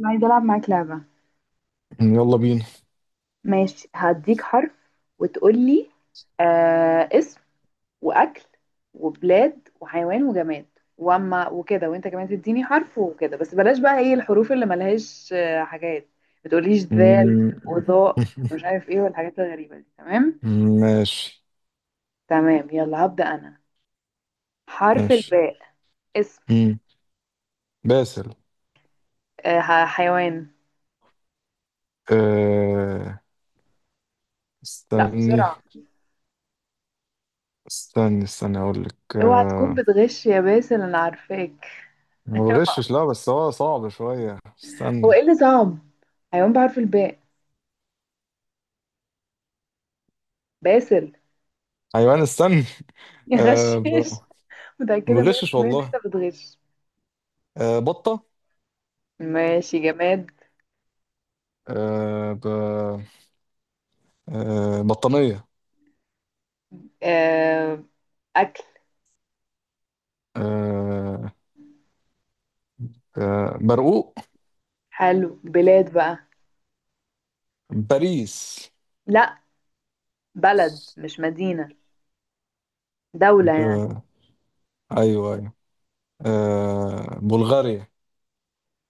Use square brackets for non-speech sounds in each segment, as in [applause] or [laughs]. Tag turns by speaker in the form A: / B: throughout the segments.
A: انا عايزه العب معاك لعبه.
B: يلا بينا.
A: ماشي، هديك حرف وتقولي اسم واكل وبلاد وحيوان وجماد واما وكده، وانت كمان تديني حرف وكده. بس بلاش بقى ايه الحروف اللي ملهاش حاجات. ما تقوليش ذال
B: مم.
A: وظاء
B: [laughs]
A: ومش عارف ايه والحاجات الغريبه دي. تمام.
B: ماشي،
A: تمام يلا هبدا انا. حرف
B: ماشي.
A: الباء. اسم.
B: مم. باسل،
A: حيوان.
B: أه...
A: لا
B: استني،
A: بسرعه.
B: استني، استني، اقول لك.
A: اوعى تكون بتغش يا باسل، انا عارفاك.
B: ما
A: [laughs]
B: بغشش، لا بس هو صعب شوية.
A: هو
B: استني.
A: ايه اللي صعب؟ حيوان بحرف الباء. باسل.
B: حيوان، استني.
A: يا
B: أه...
A: غشاش.
B: ب...
A: [laughs]
B: ما
A: متأكدة
B: بغشش
A: 100% إن
B: والله.
A: أنت بتغش.
B: بطة.
A: ماشي. جماد.
B: أه... ب... بطانية.
A: آه، أكل.
B: أه... برقوق.
A: حلو. بلاد بقى.
B: باريس.
A: لأ، بلد مش مدينة، دولة يعني.
B: ب... ايوه، ايوه، بلغاريا.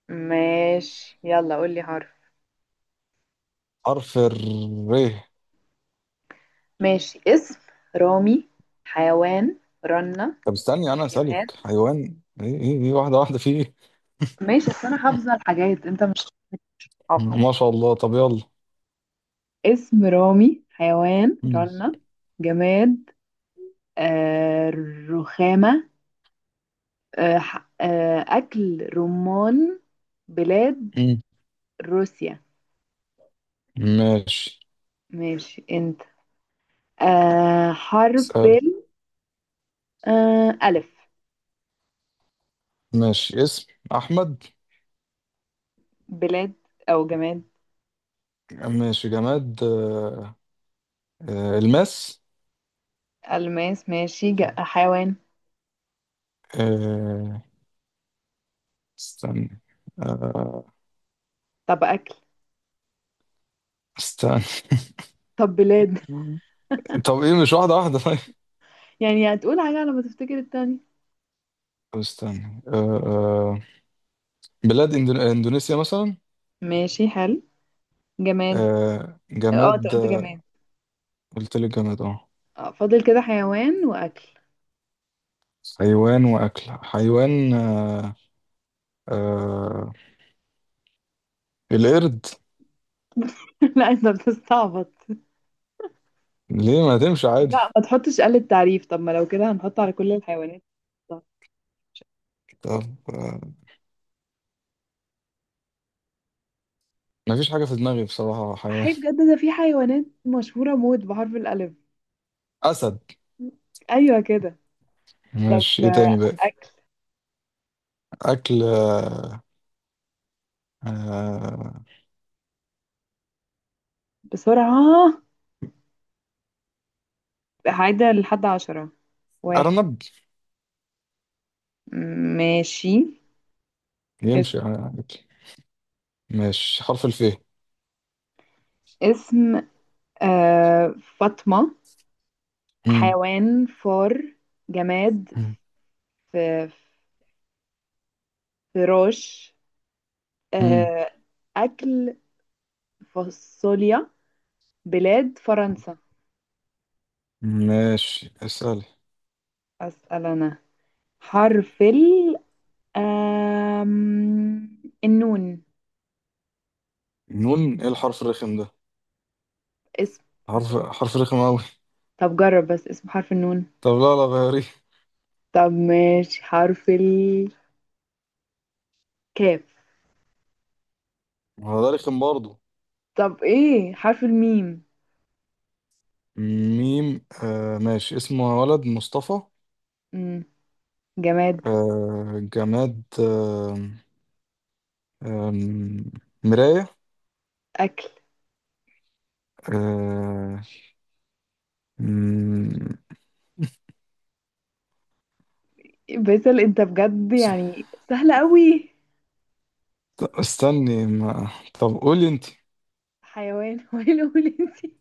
A: ماشي، يلا قولي حرف.
B: حرف الر.
A: ماشي. اسم رامي. حيوان رنة.
B: طب استني انا
A: جماد.
B: اسالك حيوان، ايه ايه ايه، واحده واحده، في ايه؟
A: ماشي، أصل أنا حافظة الحاجات أنت مش حافظ.
B: ما شاء الله، طب يلا.
A: اسم رامي، حيوان
B: مم.
A: رنة. جماد. آه رخامة. أكل رمان. بلاد
B: مم.
A: روسيا.
B: ماشي،
A: ماشي أنت. حرف
B: اسال.
A: ال آه، ألف.
B: ماشي، اسم احمد.
A: بلاد أو جماد.
B: ماشي جماد. الماس.
A: ألماس. ماشي. حيوان.
B: آه استني. آه
A: طب أكل.
B: استني
A: طب بلاد. [laughs]
B: طب ايه، مش واحده واحده؟ طيب،
A: يعني هتقول حاجة على ما تفتكر التاني.
B: طب استني. آه بلاد اندونيسيا مثلا.
A: ماشي، حلو. جماد. اه انت
B: جماد.
A: قلت جماد.
B: قلت لك جماد، اه.
A: اه فاضل كده حيوان وأكل.
B: حيوان واكل، حيوان، آه، القرد.
A: [laughs] لا انت بتستعبط.
B: ليه ما تمشي عادي؟
A: لا، ما تحطش آلة تعريف. طب ما لو كده هنحط على كل الحيوانات.
B: طب، آه، مفيش حاجة في دماغي بصراحة. حيوان،
A: حي بجد، ده في حيوانات مشهورة موت بحرف الألف.
B: أسد.
A: أيوة كده. طب
B: ماشي، إيه تاني بقى؟
A: أكل
B: أكل، آه،
A: بسرعة. عايدة لحد عشرة. واحد.
B: أرنب.
A: ماشي. اسم.
B: يمشي عادي. ماشي حرف الف.
A: اسم فاطمة.
B: مم.
A: حيوان فار. جماد.
B: مم.
A: ف- فراش.
B: مم.
A: آه. أكل فاصوليا. بلاد فرنسا.
B: ماشي، اسألي.
A: أسأل أنا. حرف ال آم، النون.
B: نون؟ إيه الحرف الرخم ده؟
A: اسم حرف.
B: حرف حرف رخم أوي.
A: طب جرب بس، اسمه حرف النون.
B: طب لا، لا، غيريه.
A: طب ماشي، حرف الكاف.
B: هو ده رخم برضه.
A: طب ايه، حرف الميم.
B: ميم، ماشي. اسمه ولد مصطفى.
A: مم. جماد.
B: جماد. آه مراية.
A: اكل.
B: آه... مم،
A: باسل انت بجد يعني سهلة قوي.
B: استني ما... طب قولي انت.
A: حيوان. [laughs] هو ايه اللي أقول انتي.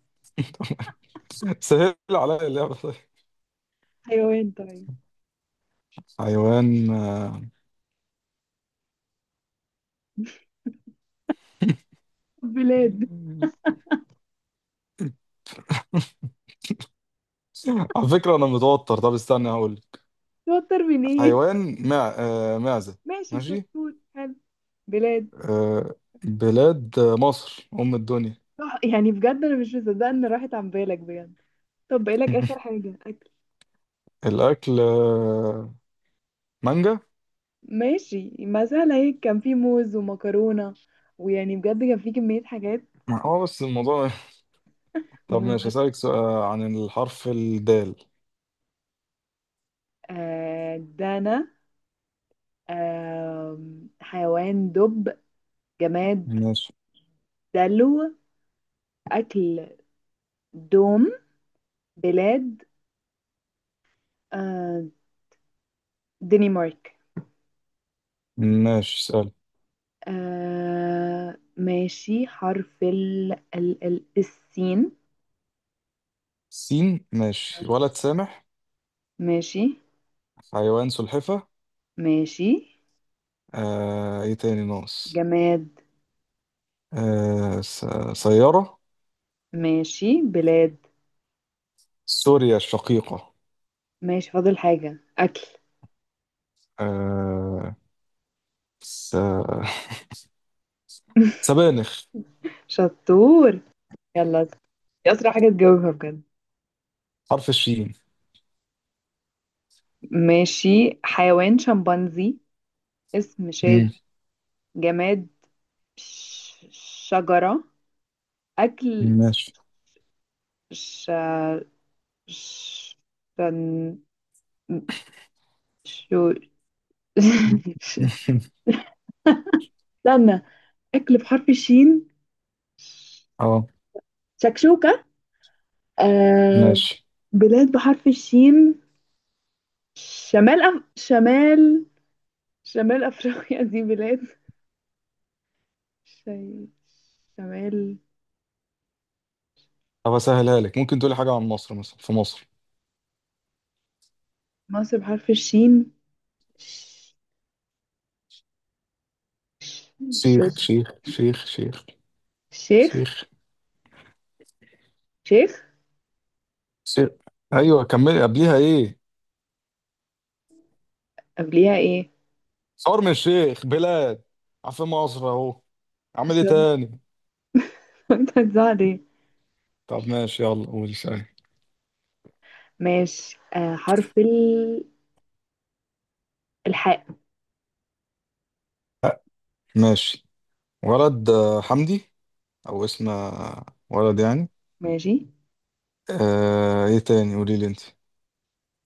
B: [laughs] سهل عليا اللعبة، طيب.
A: حيوان طيب.
B: حيوان،
A: بلاد.
B: على فكرة أنا متوتر. طب استنى هقول لك.
A: شاطر من ايه.
B: حيوان، معزة.
A: ماشي
B: ماشي.
A: شطور، حلو. بلاد.
B: آه... بلاد، مصر أم الدنيا.
A: صح، يعني بجد انا مش مصدقه ان راحت عن بالك بجد. طب بقالك اخر
B: [laughs]
A: حاجه، اكل.
B: الأكل، مانجا.
A: ماشي، ما سهله هيك، كان في موز ومكرونه، ويعني بجد كان في كميه حاجات.
B: اه بس الموضوع. [laughs] طب ماشي،
A: مهم.
B: هسألك سؤال عن الحرف الدال.
A: دانا. آه حيوان دب. جماد
B: ماشي.
A: دلو. أكل دوم. بلاد. آه دنمارك.
B: ماشي سؤال.
A: ماشي، حرف ال ال ال السين.
B: سين. ماشي، ولد سامح.
A: ماشي.
B: حيوان سلحفة.
A: ماشي.
B: ايه تاني ناقص؟
A: جماد.
B: آه س- سيارة.
A: ماشي. بلاد.
B: سوريا الشقيقة.
A: ماشي. فاضل حاجة، أكل.
B: آه س... [laughs]
A: [laughs]
B: سبانخ.
A: شطور. يلا دي أسرع حاجة تجاوبها بجد.
B: حرف الشين.
A: ماشي، حيوان شمبانزي. اسم
B: مم.
A: شادي. جماد. ش- شجرة. أكل.
B: ماشي.
A: ش... ش... شن... شو. [laughs]
B: [laughs]
A: استنى، أكل بحرف الشين.
B: اه
A: شكشوكة. آه...
B: ماشي.
A: بلاد بحرف الشين. شمال أف... شمال شمال أفريقيا. [laughs] دي بلاد. ش... شمال.
B: طب اسهلها لك، ممكن تقولي حاجة عن مصر مثلا، في مصر
A: مصر بحرف الشين. ش... ش...
B: شيخ، شيخ، شيخ، شيخ،
A: شيخ
B: شيخ،
A: شيخ.
B: شيخ. ايوه كملي، قبليها ايه؟
A: قبليها ايه؟
B: شرم الشيخ، بلاد. عارفين مصر اهو. اعمل ايه
A: شرم.
B: تاني؟
A: [laughs] انت هتزعل.
B: طب ماشي، يلا قول سألني.
A: ماشي. آه حرف الحاء.
B: ماشي، ولد حمدي. او اسم ولد يعني.
A: ماشي.
B: ايه تاني؟ قولي لي انت.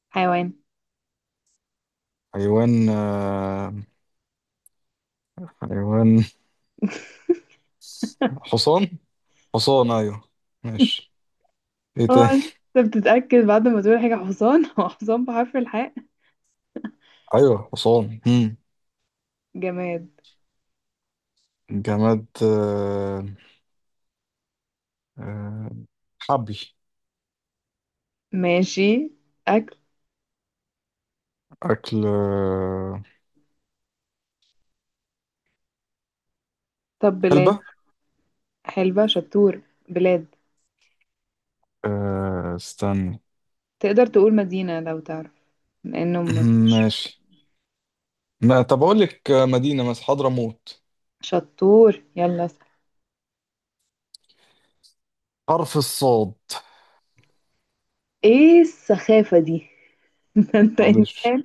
A: حيوان.
B: حيوان، حيوان،
A: [laughs]
B: حصان. حصان، ايوه. ماشي، ايه
A: اه،
B: تاني؟
A: انت بتتأكد بعد ما تقول حاجة حصان. [laughs] هو حصان بحرف الحاء.
B: ايوه، حصان. مم.
A: جماد.
B: جماد، آه حبل.
A: ماشي. أكل.
B: اكل،
A: طب بلاد.
B: علبة.
A: حلبة شطور. بلاد.
B: استنى.
A: تقدر تقول مدينة لو تعرف، لأنه
B: [clears throat]
A: مفيش.
B: ماشي. ما طب اقول لك مدينة، مثلا حضرموت.
A: شطور، يلا اسأل.
B: حرف الصاد.
A: ايه السخافة دي؟ [laughs] ده انت
B: معلش.
A: انسان،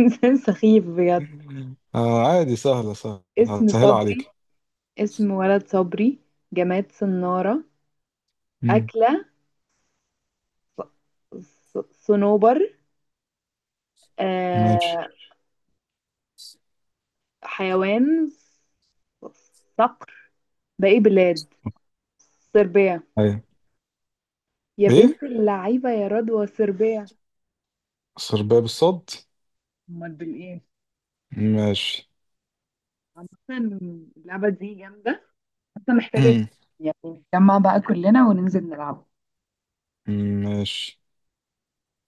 A: انسان سخيف بجد.
B: [laughs] عادي، سهلة، سهلة،
A: اسم
B: هسهلها
A: صبري.
B: عليك.
A: اسم ولد صبري. جماد صنارة.
B: مم.
A: أكلة صنوبر.
B: ماشي.
A: آه. حيوان صقر. باقي بلاد. صربيا.
B: ايوه.
A: يا
B: ايه
A: بنت اللعيبة يا رضوى، صربيا.
B: سرباب الصد؟
A: امال بالايه؟
B: ماشي.
A: عامة اللعبة دي جامدة، بس محتاجة يعني نتجمع بقى كلنا وننزل نلعب.
B: [clears throat] ماشي.